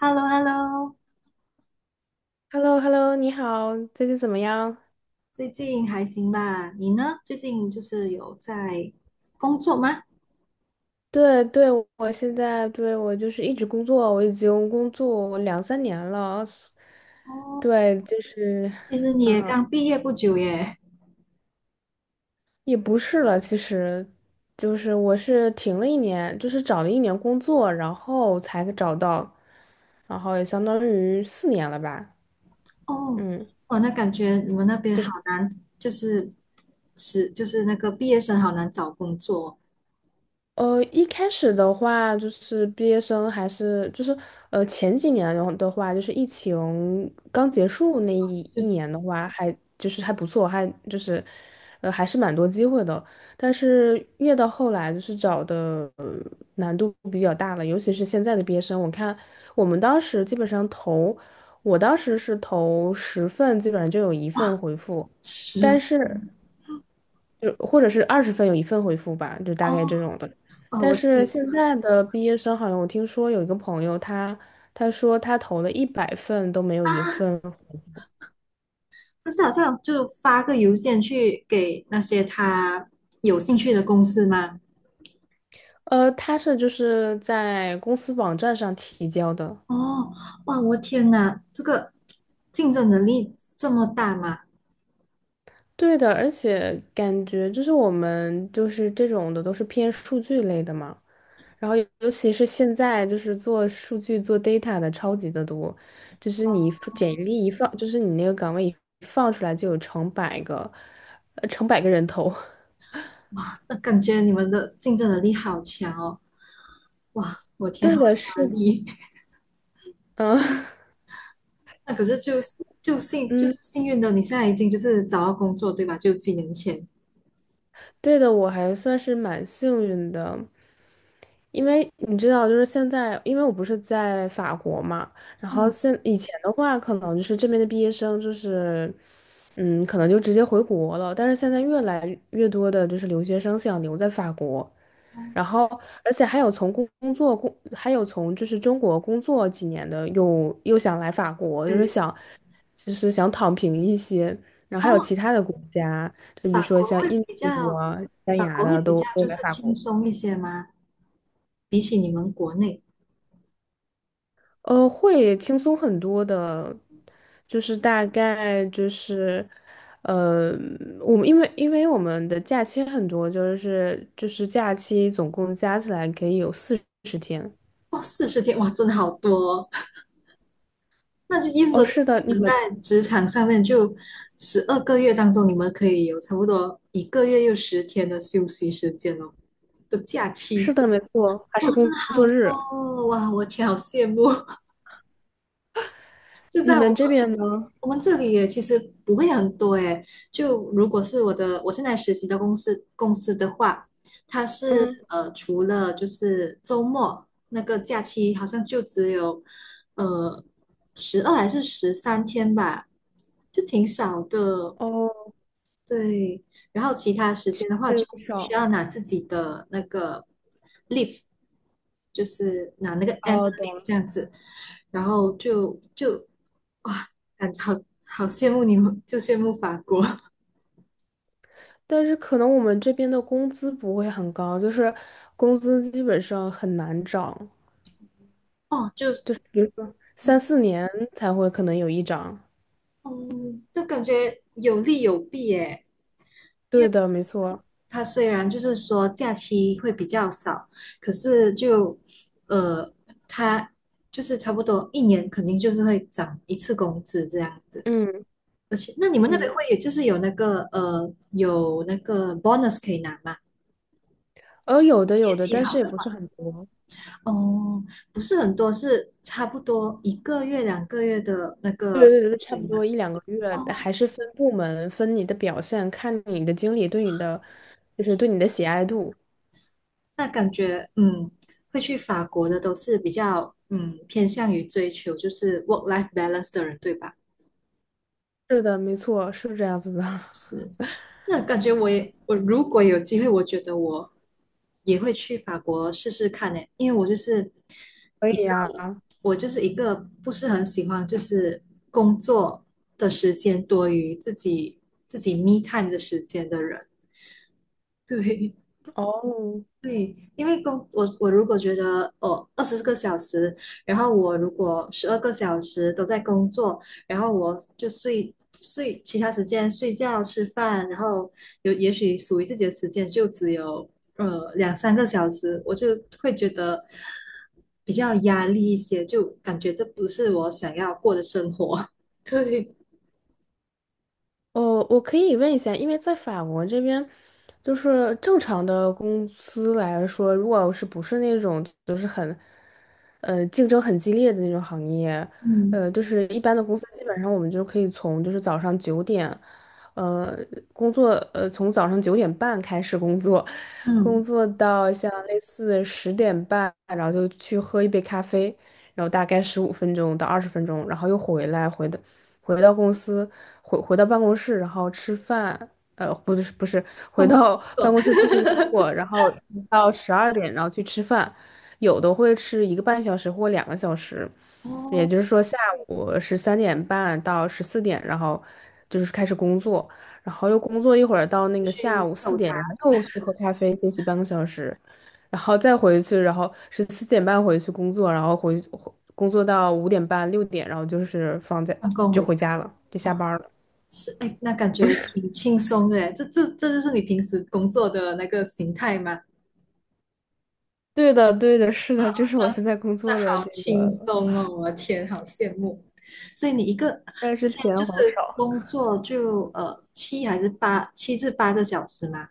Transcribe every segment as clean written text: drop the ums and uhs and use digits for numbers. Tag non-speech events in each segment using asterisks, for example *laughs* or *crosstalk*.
h e l l o h e l l o。 h e l l o h e l l o 你好，最近怎么样？最近还行吧？你呢？最近就是有在工作吗？对对，我现在就是一直工作，我已经工作两三年了。哦。对，就是，其实你也嗯，刚毕业不久耶。也不是了。其实就是我是停了一年，就是找了一年工作，然后才找到，然后也相当于四年了吧。哦，嗯。就哦，那感觉你们那边好是。难，就是那个毕业生好难找工作，一开始的话，就是毕业生还是前几年的话，就是疫情刚结束那一就年的话，还不错，还是蛮多机会的。但是越到后来，就是找的难度比较大了。尤其是现在的毕业生，我看我们当时基本上投，我当时是投十份，基本上就有一份哇，回复。但是，是。就或者是20份有一份回复吧，就大哦概这种的。哦，但我天！是现在的毕业生好像我听说有一个朋友他，他说他投了100份都没有一份。但是好像就发个邮件去给那些他有兴趣的公司吗？他是就是在公司网站上提交的。哦，哇，我天哪，这个竞争能力这么大吗？对的，而且感觉就是我们就是这种的都是偏数据类的嘛，然后尤其是现在就是做数据做 data 的超级的多，就是你一放简历一放，就是你那个岗位一放出来就有成百个，成百个人头。*laughs* 那感觉你们的竞争能力好强哦！哇，我天，对好的，压是，力。*laughs* 嗯。 *laughs* 那可是就就幸就嗯。是幸运的，你现在已经就是找到工作，对吧？就几年前。对的，我还算是蛮幸运的，因为你知道，就是现在，因为我不是在法国嘛。然后嗯以前的话，可能就是这边的毕业生就是，嗯，可能就直接回国了，但是现在越来越多的就是留学生想留在法国。嗯，然后，而且还有从工工作工，还有从就是中国工作几年的，又想来法国，就是对，想，就是想躺平一些。然后还有哦，其他的国家，就比如法说国像会印比度较，啊、西班法牙国会的，比都较都就来是法轻国。松一些吗？比起你们国内。会轻松很多的，就是大概就是。呃，我们因为我们的假期很多，就是假期总共加起来可以有40天。哦，40天，哇，真的好多哦。*laughs* 那就意思哦，说，就是是的，你你们在们。职场上面就12个月当中，你们可以有差不多一个月又十天的休息时间哦，的假是期。的，没错，还哇，是真工的好作多日。哦！哇，我天，好羡慕！*laughs* 就你在我们这们边呢？我们这里也其实不会很多诶。就如果是我现在实习的公司的话，它是嗯。除了就是周末那个假期，好像就只有呃12还是13天吧，就挺少的。哦，对，然后其他时间的话，就是需少。要拿自己的那个 leave,就是拿那个 annual 哦，懂 leave 了。这样子。然后就哇，感觉好羡慕你们，就羡慕法国。 但是可能我们这边的工资不会很高，就是工资基本上很难涨，*laughs* 哦，就三四年才会可能有一涨。嗯，就感觉有利有弊耶。对的，没错。它虽然就是说假期会比较少，可是呃，它就是差不多一年肯定就是会涨一次工资这样子。嗯而且，那你们那边嗯。会有就是有那个有那个 bonus 可以拿吗？哦，有的有业的，绩但是好也的。不是很多。哦，不是很多，是差不多一个月两个月的那对个对薪对，差水不吗？多一两个月，哦，还是分部门，分你的表现，看你的经理对你的，就是对你的喜爱度。那感觉会去法国的都是比较偏向于追求就是 work life balance 的人，对吧？是的，没错，是这样子的。*laughs* 那感觉我也，我如果有机会，我觉得我也会去法国试试看呢，因为可一以呀、个，我就是一个不是很喜欢就是工作的时间多于自己 me time 的时间的人。对，哦，对，因为我如果觉得哦20个小时，然后我如果12个小时都在工作，然后我就睡其他时间睡觉吃饭，然后有也许属于自己的时间就只有2、3个小时，我就会觉得比较压力一些，就感觉这不是我想要过的生活。*laughs* 对，哦，我可以问一下，因为在法国这边，就是正常的公司来说，如果是不是那种就是很，竞争很激烈的那种行业，嗯就是一般的公司，基本上我们就可以从就是早上九点，呃，工作，从早上九点半开始工作，工嗯，作到像类似10点半，然后就去喝一杯咖啡，然后大概15分钟到20分钟，然后又回来，回到公司，回到办公室，然后吃饭，不是不是，回工作到 *laughs* 办工作。公室继续工作，然后一直到12点，然后去吃饭，有的会吃1个半小时或2个小时，也哦，就是说下午13点半到14点，然后就是开始工作，然后又工作一会儿到那就个下去午下四午茶，点，然后又去喝咖啡休息半个小时，然后再回去，然后是4点半回去工作，然后工作到5点半6点，然后就是放工就回家。回家了，就下哇。班了。是，哎，那感觉挺轻松的，哎，这就是你平时工作的那个形态吗？对的，对的，是啊，的，这是我现在工那作的好这轻个。松哦，我的天，好羡慕。所以你一个但一是天就钱是好少，工作就7至8个小时吗？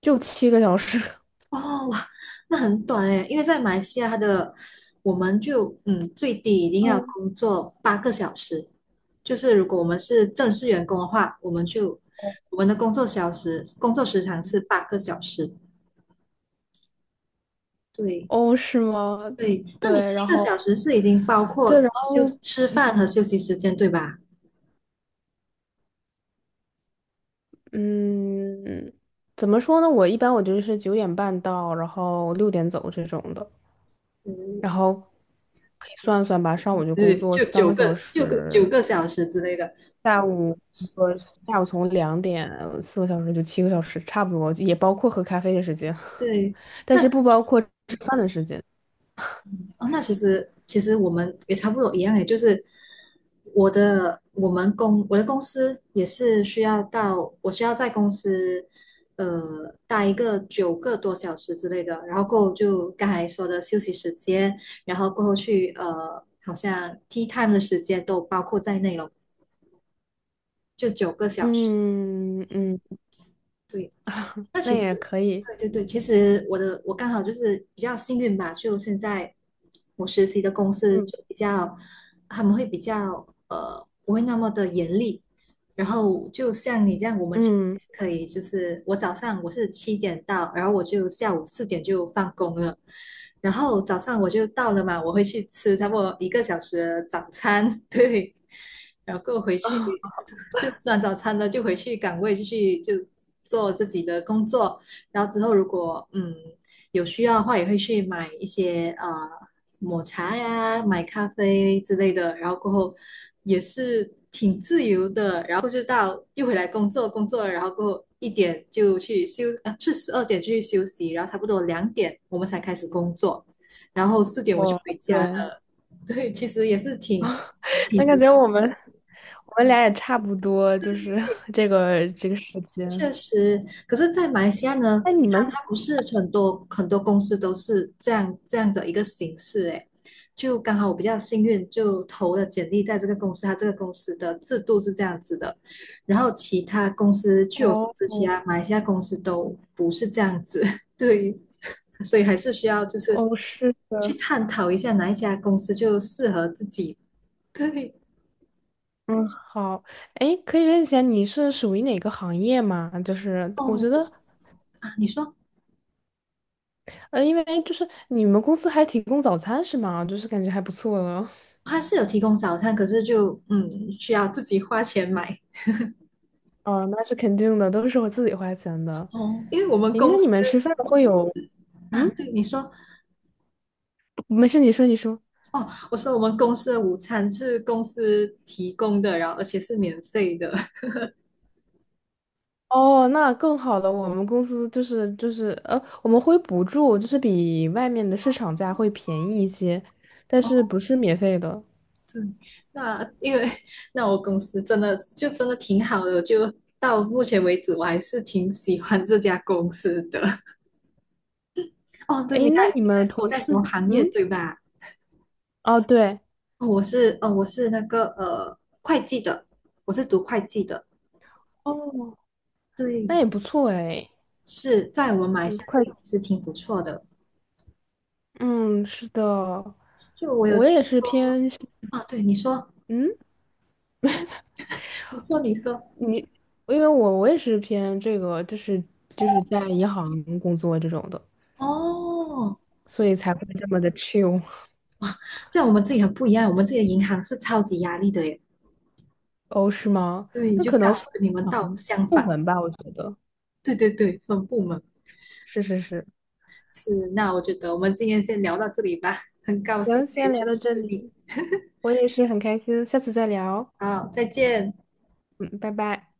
就七个小时。*laughs* 哦，哇，那很短哎，因为在马来西亚我们就最低一定要嗯。工作八个小时，就是如果我们是正式员工的话，我们的工作时长是八个小时。对哦，是吗？对，那你对，七然个后小时是已经包括对，然后吃饭和休息时间，对吧？嗯，怎么说呢？我一般就是九点半到，然后六点走这种的，嗯，然后可以算算吧，上午就工对，作就三九个小个、六个、九时。个小时之类的。我下午从2点4个小时就七个小时，差不多，也包括喝咖啡的时间，对，*laughs* 但那是不包括吃饭的时间。哦，那其实我们也差不多一样诶，就是我的公司也是需要到我需要在公司待一个9个多小时之类的，然后过后就刚才说的休息时间，然后过后去好像 tea time 的时间都包括在内了，就九个小时，嗯嗯。对。*laughs* 那那其实，也对可以。对对，其实我刚好就是比较幸运吧，就现在我实习的公司嗯就比较，他们会比较不会那么的严厉，然后就像你这样，我们其实嗯，是可以就是早上我是7点到，然后我就下午四点就放工了，然后早上我就到了嘛，我会去吃差不多一个小时的早餐。*laughs* 对，然后回去啊，就吃完早餐了，就回去岗位继续就做自己的工作，然后之后如果有需要的话，也会去买一些抹茶呀、买咖啡之类的，然后过后也是挺自由的，然后就到又回来工作，工作了，然后过后一点就去休，呃，是12点去休息，然后差不多2点我们才开始工作，然后四点我就我回家对。了。*laughs* 对，其实也是挺 *laughs* 挺那不感觉我们俩也差不多，就是 *laughs* 这个时间。确实。可是，在马来西亚呢，那你它们它不是很多很多公司都是这样的一个形式，诶，就刚好我比较幸运，就投了简历在这个公司，它这个公司的制度是这样子的，然后其他公司据我所哦知，其他马来西亚公司都不是这样子。*laughs* 对，所以还是需要就是哦，是去的。探讨一下哪一家公司就适合自己，对。嗯，好，哎，可以问一下你是属于哪个行业吗？就是我觉哦，得啊，你说因为就是你们公司还提供早餐是吗？就是感觉还不错了。它是有提供早餐，可是就需要自己花钱买。哦，那是肯定的，都是我自己花钱的。哦，因为我们诶，那公司，你们吃饭会有？啊，嗯，对你说。不没事，你说，你说。哦，我说我们公司的午餐是公司提供的，然后而且是免费的。哦，那更好了。我们公司就是我们会补助，就是比外面的市场价会便宜一些，但哦，是不是免费的。对，那因为那我公司真的就真的挺好的，就到目前为止我还是挺喜欢这家公司的。哦，对，诶，你那看你你看们我同在事，什么行业嗯，对吧？哦，对，哦，我是那个会计的，我是读会计的，哦，那对。也不错诶。是在我们马来嗯，西亚这快，里是挺不错的。嗯，是的，就我有我听也是说，偏，啊，对你说，嗯。你说，你说。你，因为我也是偏这个，就是就是在银行工作这种的，哦，所以才会这么的 chill。在我们这里很不一样，我们这里的银行是超级压力的耶。哦，是吗？对，那就可刚能好分跟你们倒行相部反。门吧，我觉得对对对，分部门，是是是。是。那我觉得我们今天先聊到这里吧，很高兴行，可以先聊认到识这里，你。我也是很开心，下次再聊。好，再见。嗯，拜拜。